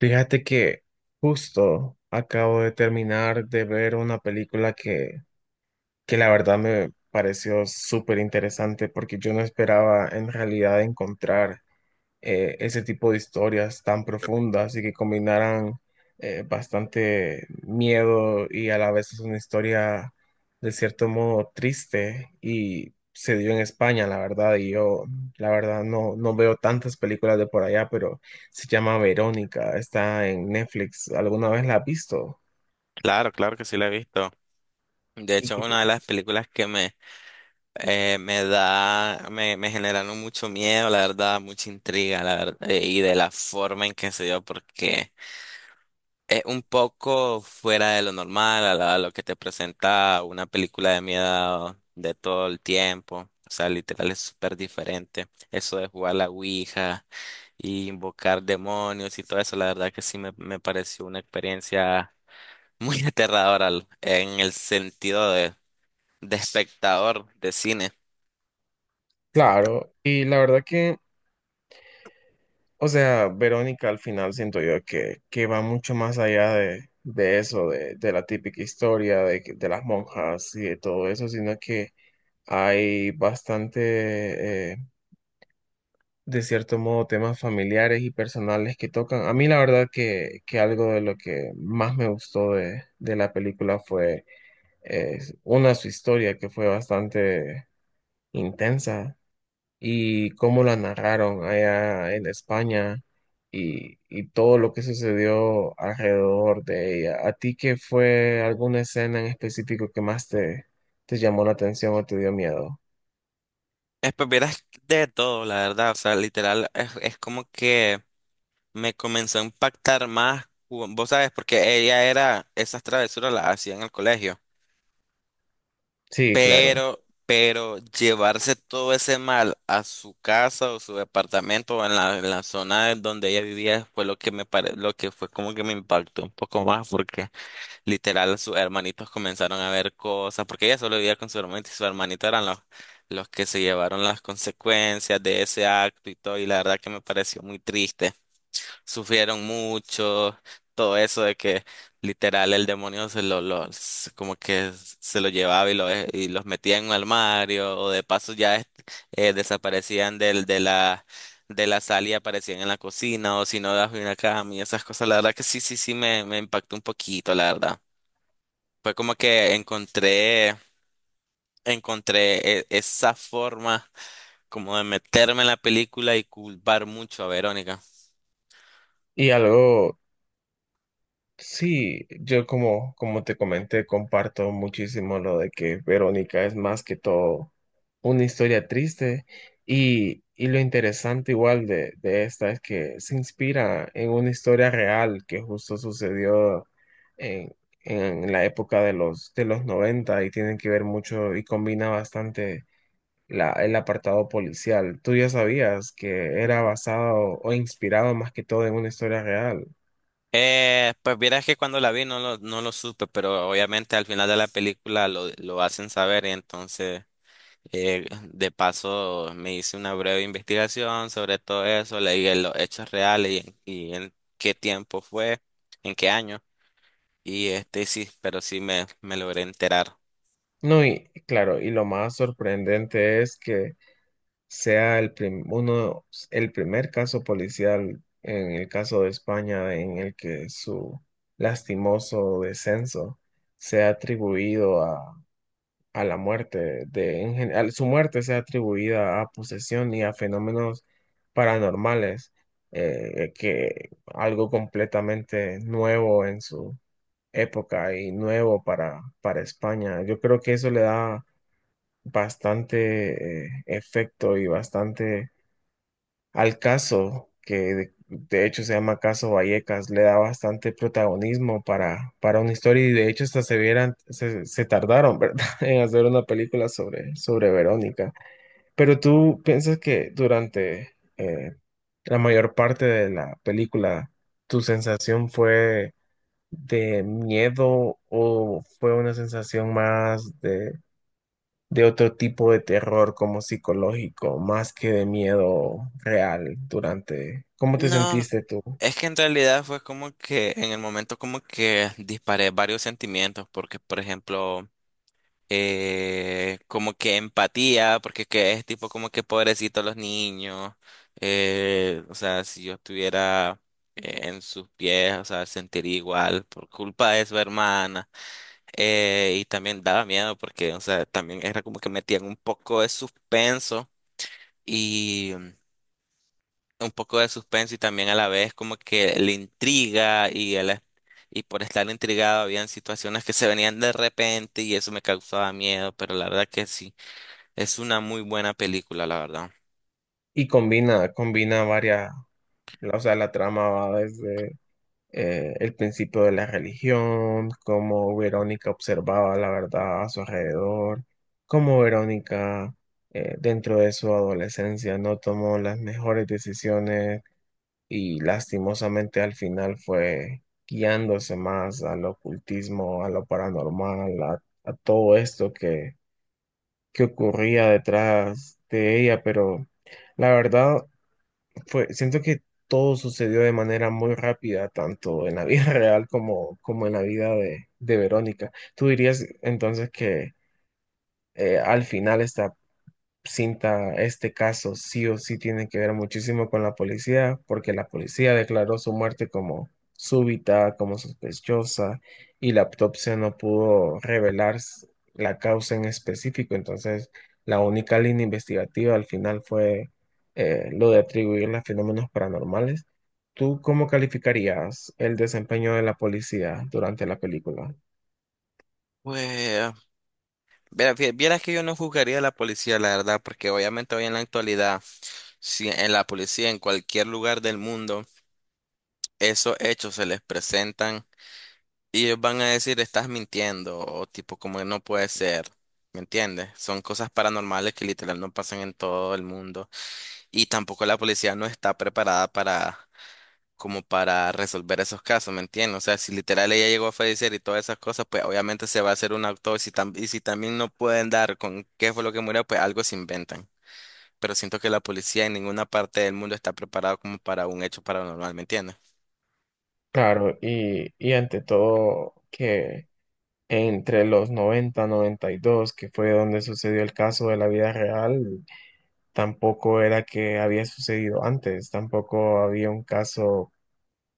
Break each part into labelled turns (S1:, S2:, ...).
S1: Fíjate que justo acabo de terminar de ver una película que la verdad me pareció súper interesante porque yo no esperaba en realidad encontrar ese tipo de historias tan profundas y que combinaran bastante miedo, y a la vez es una historia de cierto modo triste y se dio en España, la verdad. Y yo la verdad no, no veo tantas películas de por allá, pero se llama Verónica, está en Netflix. ¿Alguna vez la has visto?
S2: Claro, claro que sí la he visto. De
S1: Y
S2: hecho,
S1: que
S2: una de
S1: te-
S2: las películas que me generaron mucho miedo, la verdad, mucha intriga, la verdad, y de la forma en que se dio, porque es un poco fuera de lo normal, a lo que te presenta una película de miedo de todo el tiempo. O sea, literal es súper diferente. Eso de jugar la Ouija y invocar demonios y todo eso, la verdad que sí me pareció una experiencia. Muy aterrador en el sentido de, espectador de cine.
S1: claro, y la verdad que... O sea, Verónica al final siento yo que va mucho más allá de la típica historia de las monjas y de todo eso, sino que hay bastante, de cierto modo, temas familiares y personales que tocan. A mí la verdad que algo de lo que más me gustó de la película fue eh, una, su historia que fue bastante intensa, y cómo la narraron allá en España y todo lo que sucedió alrededor de ella. ¿A ti qué fue alguna escena en específico que más te llamó la atención o te dio miedo?
S2: Pues vieras de todo, la verdad. O sea, literal, es como que me comenzó a impactar más. Vos sabes, porque ella era, esas travesuras las hacía en el colegio.
S1: Sí, claro.
S2: Pero llevarse todo ese mal a su casa o su departamento o en la, zona de donde ella vivía fue lo que fue como que me impactó un poco más porque literal, sus hermanitos comenzaron a ver cosas, porque ella solo vivía con su hermanito y su hermanito eran los que se llevaron las consecuencias de ese acto y todo, y la verdad que me pareció muy triste. Sufrieron mucho, todo eso de que literal el demonio como que se lo llevaba y los metía en un armario, o de paso ya desaparecían de la sala y aparecían en la cocina, o si no, bajo una cama y esas cosas. La verdad que sí, sí, sí me impactó un poquito, la verdad. Fue como que encontré esa forma como de meterme en la película y culpar mucho a Verónica.
S1: Y algo Sí, yo como, como te comenté, comparto muchísimo lo de que Verónica es más que todo una historia triste, y lo interesante igual de esta es que se inspira en una historia real que justo sucedió en, en la época de los noventa, y tienen que ver mucho y combina bastante la, el apartado policial. ¿Tú ya sabías que era basado o inspirado más que todo en una historia real?
S2: Pues vieras que cuando la vi no lo supe, pero obviamente al final de la película lo hacen saber y entonces eh, de paso me hice una breve investigación sobre todo eso, leí en los hechos reales y en qué tiempo fue, en qué año y este sí, pero sí me logré enterar.
S1: No, y claro, y lo más sorprendente es que sea uno, el primer caso policial en el caso de España en el que su lastimoso descenso sea atribuido a la muerte de, en general, su muerte sea atribuida a posesión y a fenómenos paranormales. Que algo completamente nuevo en su época y nuevo para España. Yo creo que eso le da bastante efecto y bastante al caso, que de hecho se llama Caso Vallecas, le da bastante protagonismo para una historia. Y de hecho hasta se vieran, se tardaron, ¿verdad?, en hacer una película sobre Verónica. Pero tú piensas que durante la mayor parte de la película, tu sensación fue de miedo o fue una sensación más de otro tipo de terror como psicológico, más que de miedo real durante... ¿Cómo te
S2: No,
S1: sentiste tú?
S2: es que en realidad fue como que en el momento como que disparé varios sentimientos, porque por ejemplo, como que empatía, porque que es tipo como que pobrecito los niños, o sea, si yo estuviera en sus pies, o sea, sentiría igual por culpa de su hermana, y también daba miedo porque, o sea, también era como que metían un poco de suspenso. Y un poco de suspenso y también a la vez como que le intriga y por estar intrigado habían situaciones que se venían de repente y eso me causaba miedo, pero la verdad que sí, es una muy buena película, la verdad.
S1: Y combina, combina varias, o sea, la trama va desde el principio de la religión, cómo Verónica observaba la verdad a su alrededor, cómo Verónica dentro de su adolescencia no tomó las mejores decisiones, y lastimosamente al final fue guiándose más al ocultismo, a lo paranormal, a todo esto que ocurría detrás de ella. Pero la verdad fue, siento que todo sucedió de manera muy rápida, tanto en la vida real como, como en la vida de Verónica. ¿Tú dirías entonces que al final está cinta, este caso sí o sí tiene que ver muchísimo con la policía, porque la policía declaró su muerte como súbita, como sospechosa, y la autopsia no pudo revelar la causa en específico? Entonces, la única línea investigativa al final fue lo de atribuir a fenómenos paranormales. ¿Tú cómo calificarías el desempeño de la policía durante la película?
S2: Pues, vieras que yo no juzgaría a la policía, la verdad, porque obviamente hoy en la actualidad, si en la policía, en cualquier lugar del mundo, esos hechos se les presentan. Y ellos van a decir, estás mintiendo, o tipo, como que no puede ser. ¿Me entiendes? Son cosas paranormales que literal no pasan en todo el mundo. Y tampoco la policía no está preparada para, como para resolver esos casos, ¿me entiendes? O sea, si literal ella llegó a fallecer y todas esas cosas, pues obviamente se va a hacer una autopsia. Y, y si también no pueden dar con qué fue lo que murió, pues algo se inventan. Pero siento que la policía en ninguna parte del mundo está preparada como para un hecho paranormal, ¿me entiendes?
S1: Claro, y ante todo que... Entre los 90, 92, que fue donde sucedió el caso de la vida real, tampoco era que había sucedido antes, tampoco había un caso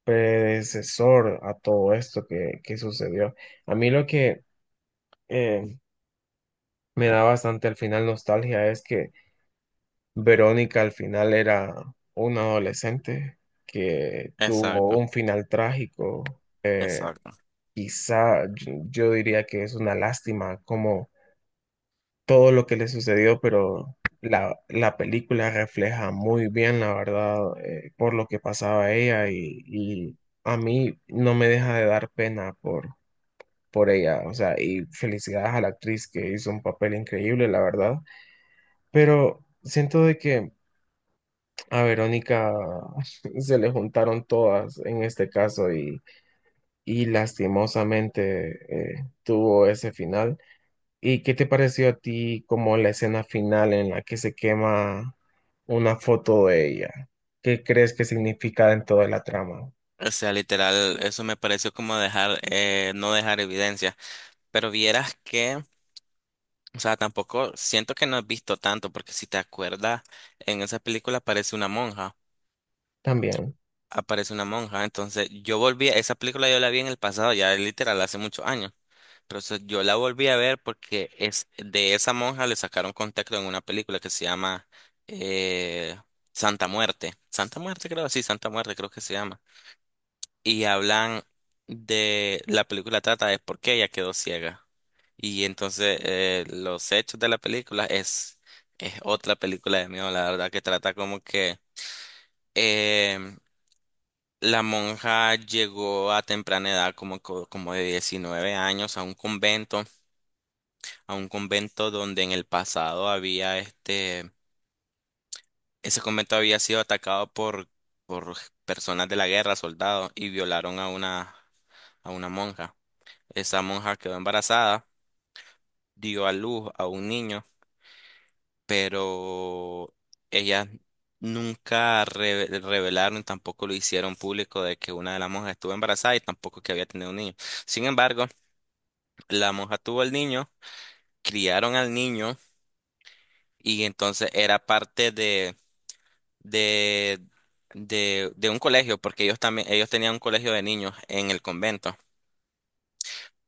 S1: predecesor a todo esto que sucedió. A mí lo que eh, me da bastante al final nostalgia es que Verónica al final era una adolescente que tuvo
S2: Exacto,
S1: un final trágico.
S2: exacto.
S1: Quizá yo diría que es una lástima como todo lo que le sucedió, pero la película refleja muy bien, la verdad, por lo que pasaba ella, y a mí no me deja de dar pena por ella, o sea. Y felicidades a la actriz que hizo un papel increíble, la verdad, pero siento de que a Verónica se le juntaron todas en este caso y lastimosamente tuvo ese final. ¿Y qué te pareció a ti como la escena final en la que se quema una foto de ella? ¿Qué crees que significa en toda la trama?
S2: O sea, literal, eso me pareció como no dejar evidencia. Pero vieras que, o sea, tampoco siento que no has visto tanto, porque si te acuerdas, en esa película aparece una monja,
S1: También.
S2: aparece una monja. Entonces, yo volví, esa película yo la vi en el pasado, ya literal, hace muchos años. Pero o yo la volví a ver porque es de esa monja le sacaron contexto en una película que se llama eh, Santa Muerte. Santa Muerte creo, sí, Santa Muerte creo que se llama. Y hablan de la película trata de por qué ella quedó ciega. Y entonces los hechos de la película es otra película de miedo, la verdad, que trata como que em, la monja llegó a temprana edad, como de 19 años, a un convento donde en el pasado había este, ese convento había sido atacado por personas de la guerra, soldados, y violaron a una monja. Esa monja quedó embarazada, dio a luz a un niño, pero ellas nunca revelaron, tampoco lo hicieron público de que una de las monjas estuvo embarazada y tampoco que había tenido un niño. Sin embargo, la monja tuvo al niño, criaron al niño y entonces era parte de, de un colegio, porque ellos también, ellos tenían un colegio de niños en el convento.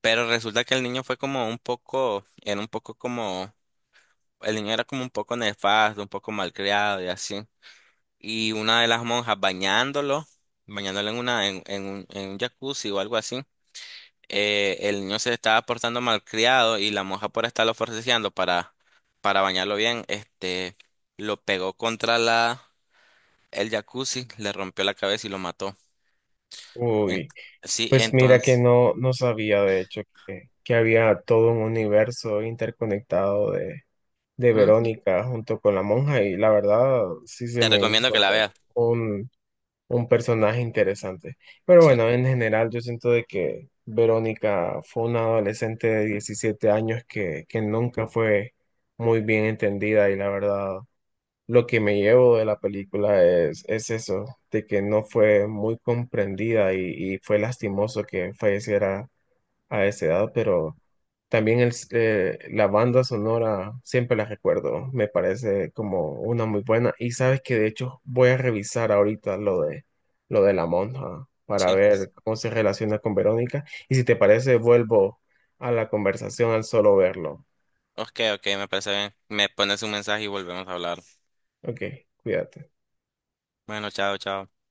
S2: Pero resulta que el niño fue como un poco, era un poco como el niño era como un poco nefasto, un poco malcriado y así. Y una de las monjas bañándolo en una, en un jacuzzi o algo así, el niño se estaba portando malcriado y la monja por estarlo forcejeando para bañarlo bien, este, lo pegó contra el jacuzzi, le rompió la cabeza y lo mató. En-
S1: Uy,
S2: sí,
S1: pues mira que
S2: entonces,
S1: no, no sabía de hecho que había todo un universo interconectado de
S2: Ujú.
S1: Verónica junto con la monja, y la verdad sí se
S2: Te
S1: me
S2: recomiendo que la veas.
S1: hizo un personaje interesante. Pero
S2: Sí,
S1: bueno, en general yo siento de que Verónica fue una adolescente de 17 años que nunca fue muy bien entendida. Y la verdad lo que me llevo de la película es eso, de que no fue muy comprendida y fue lastimoso que falleciera a esa edad. Pero también la banda sonora siempre la recuerdo, me parece como una muy buena. Y sabes que de hecho voy a revisar ahorita lo de la monja para
S2: sí.
S1: ver cómo se relaciona con Verónica. Y si te parece, vuelvo a la conversación al solo verlo.
S2: Ok, ok, me parece bien. Me pones un mensaje y volvemos a hablar.
S1: Ok, cuídate.
S2: Bueno, chao, chao.